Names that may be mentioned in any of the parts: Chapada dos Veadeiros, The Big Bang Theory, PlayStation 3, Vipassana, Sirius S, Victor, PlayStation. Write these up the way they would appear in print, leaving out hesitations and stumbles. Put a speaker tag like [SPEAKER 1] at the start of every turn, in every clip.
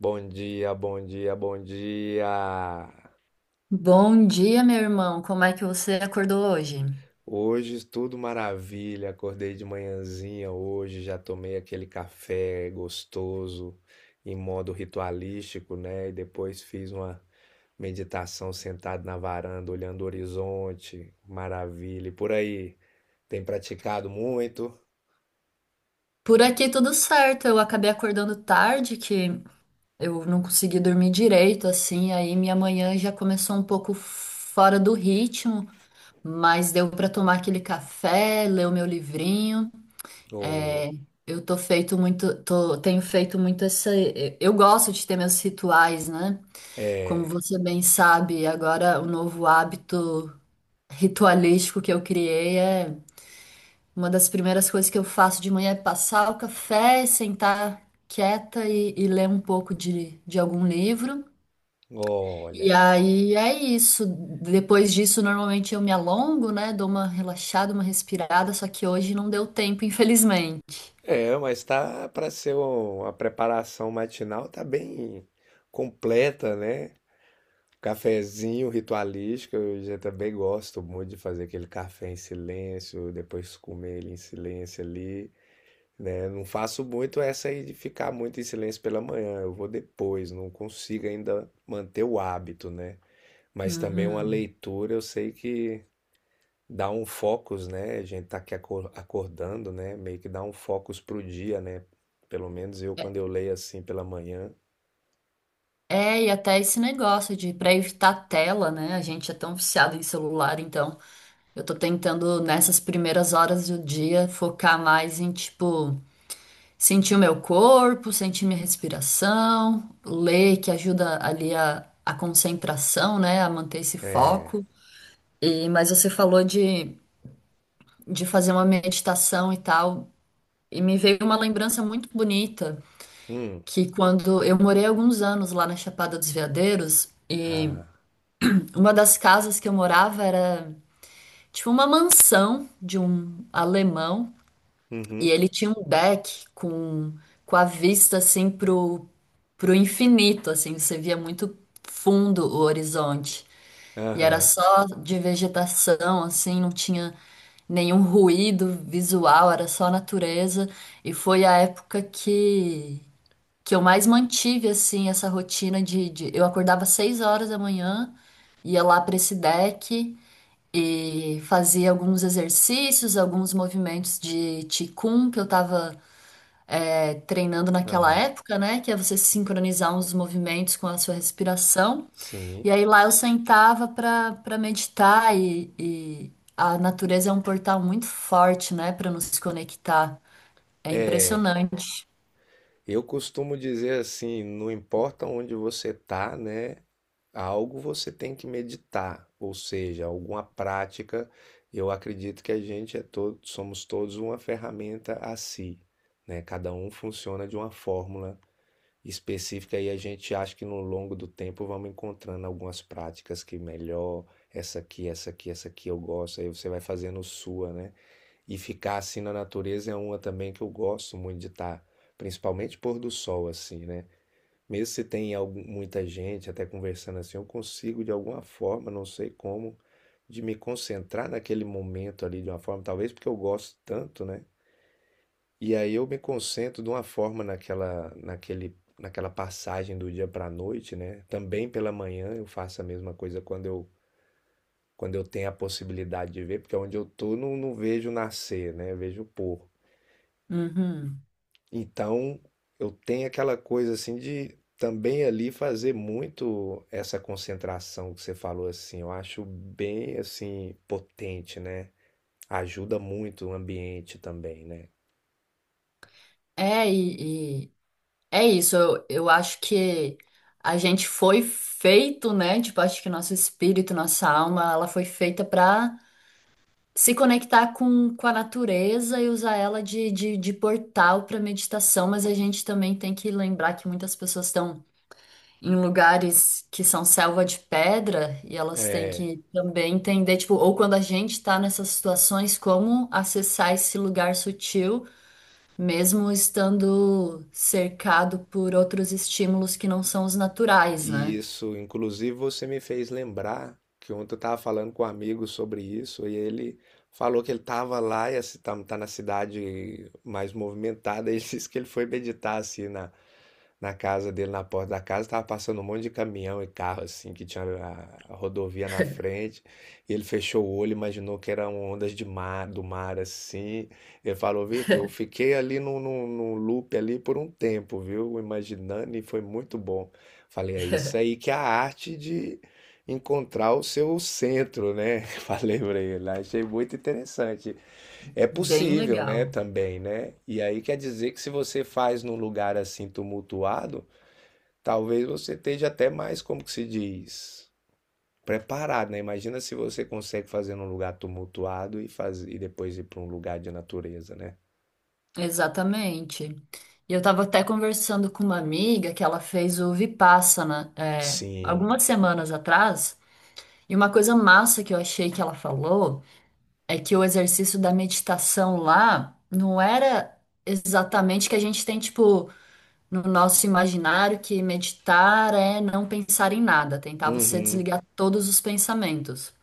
[SPEAKER 1] Bom dia, bom dia, bom dia.
[SPEAKER 2] Bom dia, meu irmão. Como é que você acordou hoje?
[SPEAKER 1] Hoje tudo maravilha. Acordei de manhãzinha hoje, já tomei aquele café gostoso em modo ritualístico, né? E depois fiz uma meditação sentado na varanda, olhando o horizonte. Maravilha. E por aí, tem praticado muito?
[SPEAKER 2] Por aqui tudo certo. Eu acabei acordando tarde, que eu não consegui dormir direito, assim. Aí minha manhã já começou um pouco fora do ritmo, mas deu para tomar aquele café, ler o meu livrinho. É,
[SPEAKER 1] Ou
[SPEAKER 2] eu tô feito muito, tenho feito muito essa. Eu gosto de ter meus rituais, né? Como
[SPEAKER 1] é,
[SPEAKER 2] você bem sabe, agora o novo hábito ritualístico que eu criei é uma das primeiras coisas que eu faço de manhã é passar o café, sentar quieta e ler um pouco de algum livro.
[SPEAKER 1] olha.
[SPEAKER 2] E aí é isso. Depois disso, normalmente eu me alongo, né? Dou uma relaxada, uma respirada, só que hoje não deu tempo, infelizmente.
[SPEAKER 1] É, mas tá para ser uma preparação matinal, tá bem completa, né? Cafezinho ritualístico, eu já também gosto muito de fazer aquele café em silêncio, depois comer ele em silêncio ali, né? Não faço muito essa aí de ficar muito em silêncio pela manhã, eu vou depois, não consigo ainda manter o hábito, né? Mas também uma
[SPEAKER 2] Uhum.
[SPEAKER 1] leitura, eu sei que dá um focus, né? A gente tá aqui acordando, né? Meio que dá um focus pro dia, né? Pelo menos eu,
[SPEAKER 2] É,
[SPEAKER 1] quando eu leio assim pela manhã,
[SPEAKER 2] é, e até esse negócio de para evitar tela, né? A gente é tão viciado em celular, então eu tô tentando nessas primeiras horas do dia focar mais em tipo sentir o meu corpo, sentir minha respiração, ler que ajuda ali a concentração, né, a manter esse
[SPEAKER 1] é.
[SPEAKER 2] foco. E, mas você falou de fazer uma meditação e tal, e me veio uma lembrança muito bonita
[SPEAKER 1] Hum,
[SPEAKER 2] que quando eu morei alguns anos lá na Chapada dos Veadeiros, e
[SPEAKER 1] ah,
[SPEAKER 2] uma das casas que eu morava era tipo uma mansão de um alemão. E
[SPEAKER 1] uhum,
[SPEAKER 2] ele tinha um deck com a vista assim pro infinito, assim, você via muito fundo o horizonte. E era
[SPEAKER 1] aham.
[SPEAKER 2] só de vegetação, assim, não tinha nenhum ruído visual, era só natureza. E foi a época que eu mais mantive, assim, essa rotina de. Eu acordava às 6 horas da manhã, ia lá para esse deck e fazia alguns exercícios, alguns movimentos de qigong que eu tava, é, treinando naquela
[SPEAKER 1] Aham.
[SPEAKER 2] época, né? Que é você sincronizar uns movimentos com a sua respiração.
[SPEAKER 1] Sim.
[SPEAKER 2] E aí lá eu sentava para meditar e a natureza é um portal muito forte, né? Para nos conectar. É
[SPEAKER 1] É.
[SPEAKER 2] impressionante.
[SPEAKER 1] Eu costumo dizer assim, não importa onde você tá, né? Algo você tem que meditar, ou seja, alguma prática. Eu acredito que a gente é todo, somos todos uma ferramenta a si, né? Cada um funciona de uma fórmula específica e a gente acha que no longo do tempo vamos encontrando algumas práticas que melhor, essa aqui, essa aqui, essa aqui eu gosto, aí você vai fazendo sua, né? E ficar assim na natureza é uma também que eu gosto muito de estar, principalmente pôr do sol assim, né? Mesmo se tem muita gente até conversando assim, eu consigo de alguma forma, não sei como, de me concentrar naquele momento ali de uma forma, talvez porque eu gosto tanto, né? E aí eu me concentro de uma forma naquela, naquele, naquela passagem do dia para a noite, né? Também pela manhã eu faço a mesma coisa quando eu tenho a possibilidade de ver, porque onde eu tô não vejo nascer, né? Eu vejo pôr.
[SPEAKER 2] Uhum.
[SPEAKER 1] Então eu tenho aquela coisa assim de também ali fazer muito essa concentração que você falou assim. Eu acho bem assim potente, né? Ajuda muito o ambiente também, né?
[SPEAKER 2] É, e é isso. Eu acho que a gente foi feito, né? Tipo, acho que nosso espírito, nossa alma, ela foi feita para se conectar com a natureza e usar ela de portal para meditação, mas a gente também tem que lembrar que muitas pessoas estão em lugares que são selva de pedra e elas têm
[SPEAKER 1] É,
[SPEAKER 2] que também entender, tipo, ou quando a gente está nessas situações, como acessar esse lugar sutil, mesmo estando cercado por outros estímulos que não são os naturais,
[SPEAKER 1] e
[SPEAKER 2] né?
[SPEAKER 1] isso, inclusive você me fez lembrar que ontem eu estava falando com um amigo sobre isso e ele falou que ele estava lá e está na cidade mais movimentada. E ele disse que ele foi meditar assim na casa dele, na porta da casa, tava passando um monte de caminhão e carro assim, que tinha a rodovia na frente. E ele fechou o olho, imaginou que eram ondas de mar, do mar assim. Ele falou: Vitor, eu fiquei ali num loop ali por um tempo, viu? Imaginando e foi muito bom. Falei: é isso aí que é a arte de encontrar o seu centro, né? Falei pra ele, achei muito interessante. É
[SPEAKER 2] Bem
[SPEAKER 1] possível, né?
[SPEAKER 2] legal.
[SPEAKER 1] Também, né? E aí quer dizer que se você faz num lugar assim tumultuado, talvez você esteja até mais, como que se diz, preparado, né? Imagina se você consegue fazer num lugar tumultuado e faz e depois ir para um lugar de natureza, né?
[SPEAKER 2] Exatamente. E eu estava até conversando com uma amiga que ela fez o Vipassana, é, algumas
[SPEAKER 1] Sim.
[SPEAKER 2] semanas atrás, e uma coisa massa que eu achei que ela falou é que o exercício da meditação lá não era exatamente que a gente tem, tipo, no nosso imaginário que meditar é não pensar em nada, tentar você
[SPEAKER 1] Uhum.
[SPEAKER 2] desligar todos os pensamentos.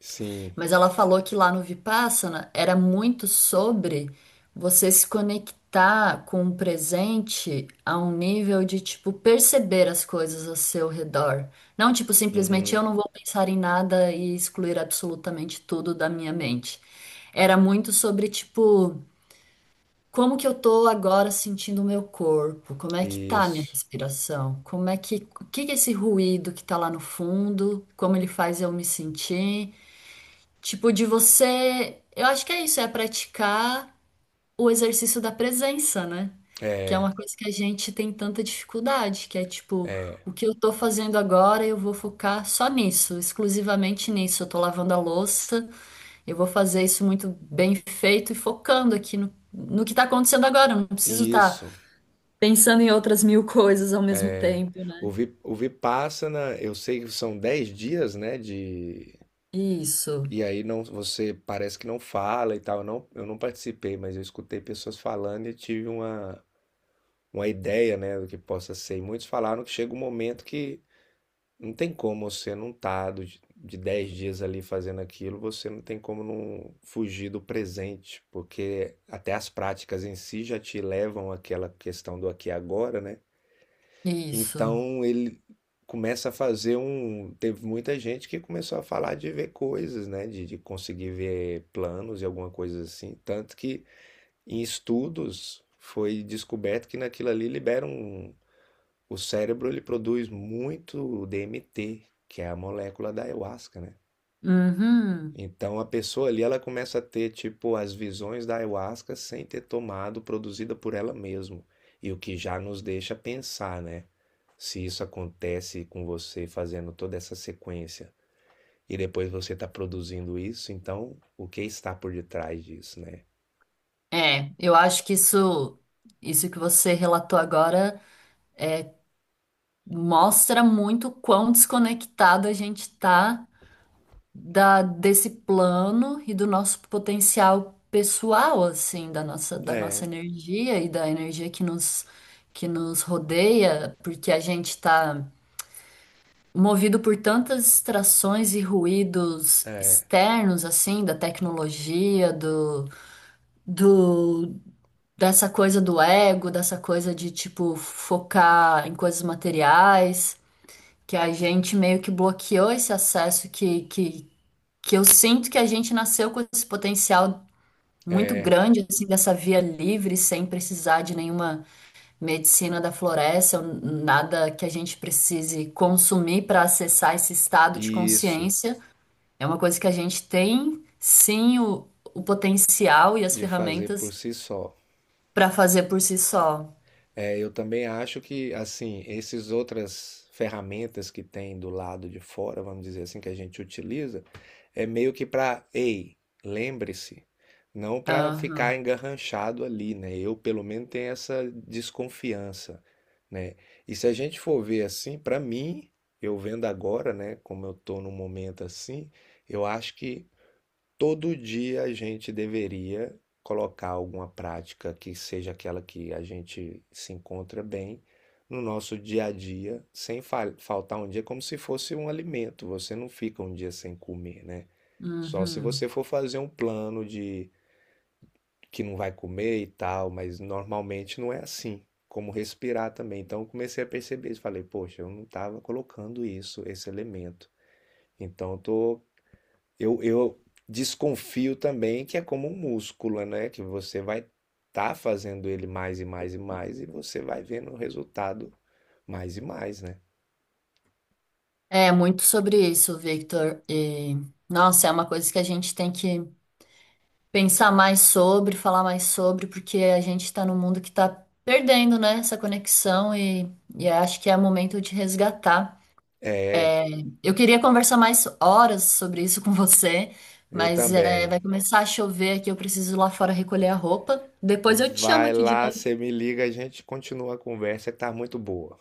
[SPEAKER 1] Sim.
[SPEAKER 2] Mas ela falou que lá no Vipassana era muito sobre você se conectar com o presente a um nível de, tipo, perceber as coisas ao seu redor. Não, tipo, simplesmente
[SPEAKER 1] Uhum.
[SPEAKER 2] eu não vou pensar em nada e excluir absolutamente tudo da minha mente. Era muito sobre, tipo, como que eu tô agora sentindo o meu corpo? Como é que tá a minha
[SPEAKER 1] Isso.
[SPEAKER 2] respiração? Como é que, o que que é esse ruído que tá lá no fundo? Como ele faz eu me sentir? Tipo, de você. Eu acho que é isso, é praticar o exercício da presença, né? Que é
[SPEAKER 1] É.
[SPEAKER 2] uma coisa que a gente tem tanta dificuldade, que é tipo, o que eu tô fazendo agora, eu vou focar só nisso, exclusivamente nisso. Eu tô lavando a louça, eu vou fazer isso muito bem feito e focando aqui no, no que tá acontecendo agora. Eu não preciso estar
[SPEAKER 1] Isso.
[SPEAKER 2] pensando em outras mil coisas ao mesmo
[SPEAKER 1] É.
[SPEAKER 2] tempo, né?
[SPEAKER 1] O Vipassana, eu sei que são 10 dias, né? de,
[SPEAKER 2] Isso,
[SPEAKER 1] E aí não, você parece que não fala e tal. Eu não participei, mas eu escutei pessoas falando e tive uma ideia, né, do que possa ser. E muitos falaram que chega um momento que não tem como você não tá de 10 dias ali fazendo aquilo, você não tem como não fugir do presente, porque até as práticas em si já te levam àquela questão do aqui e agora, né?
[SPEAKER 2] isso.
[SPEAKER 1] Então ele começa a fazer um. Teve muita gente que começou a falar de ver coisas, né? De conseguir ver planos e alguma coisa assim. Tanto que em estudos foi descoberto que naquilo ali libera um. O cérebro ele produz muito DMT, que é a molécula da ayahuasca, né?
[SPEAKER 2] Uhum.
[SPEAKER 1] Então a pessoa ali ela começa a ter tipo as visões da ayahuasca sem ter tomado, produzida por ela mesma. E o que já nos deixa pensar, né? Se isso acontece com você fazendo toda essa sequência e depois você está produzindo isso, então o que está por detrás disso, né?
[SPEAKER 2] É, eu acho que isso que você relatou agora mostra muito o quão desconectado a gente tá desse plano e do nosso potencial pessoal, assim, da nossa
[SPEAKER 1] É,
[SPEAKER 2] energia e da energia que nos rodeia, porque a gente tá movido por tantas distrações e ruídos
[SPEAKER 1] é,
[SPEAKER 2] externos, assim, da tecnologia, do dessa coisa do ego, dessa coisa de tipo focar em coisas materiais, que a gente meio que bloqueou esse acesso que eu sinto que a gente nasceu com esse potencial muito
[SPEAKER 1] é.
[SPEAKER 2] grande assim dessa via livre sem precisar de nenhuma medicina da floresta, ou nada que a gente precise consumir para acessar esse estado de
[SPEAKER 1] E isso
[SPEAKER 2] consciência. É uma coisa que a gente tem sim o potencial e as
[SPEAKER 1] de fazer por
[SPEAKER 2] ferramentas
[SPEAKER 1] si só.
[SPEAKER 2] para fazer por si só.
[SPEAKER 1] É, eu também acho que, assim, essas outras ferramentas que tem do lado de fora, vamos dizer assim, que a gente utiliza, é meio que para, ei, lembre-se, não para ficar
[SPEAKER 2] Aham.
[SPEAKER 1] engarranchado ali, né? Eu, pelo menos, tenho essa desconfiança, né? E se a gente for ver assim, para mim, eu vendo agora, né, como eu tô num momento assim, eu acho que todo dia a gente deveria colocar alguma prática que seja aquela que a gente se encontra bem no nosso dia a dia, sem faltar um dia, como se fosse um alimento. Você não fica um dia sem comer, né? Só se
[SPEAKER 2] Uhum.
[SPEAKER 1] você for fazer um plano de que não vai comer e tal, mas normalmente não é assim. Como respirar também. Então eu comecei a perceber isso. Falei, poxa, eu não estava colocando isso, esse elemento. Então eu desconfio também que é como um músculo, né? Que você vai estar fazendo ele mais e mais e mais e você vai vendo o resultado mais e mais, né?
[SPEAKER 2] É muito sobre isso, Victor. E, nossa, é uma coisa que a gente tem que pensar mais sobre, falar mais sobre, porque a gente está num mundo que está perdendo, né, essa conexão e acho que é momento de resgatar.
[SPEAKER 1] É,
[SPEAKER 2] Eu queria conversar mais horas sobre isso com você,
[SPEAKER 1] eu
[SPEAKER 2] mas é, vai
[SPEAKER 1] também.
[SPEAKER 2] começar a chover aqui, eu preciso ir lá fora recolher a roupa. Depois eu te chamo
[SPEAKER 1] Vai
[SPEAKER 2] aqui de
[SPEAKER 1] lá, você
[SPEAKER 2] novo.
[SPEAKER 1] me liga, a gente continua a conversa que tá muito boa.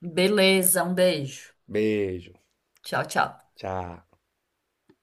[SPEAKER 2] Beleza, um beijo.
[SPEAKER 1] Beijo,
[SPEAKER 2] Tchau, tchau.
[SPEAKER 1] tchau.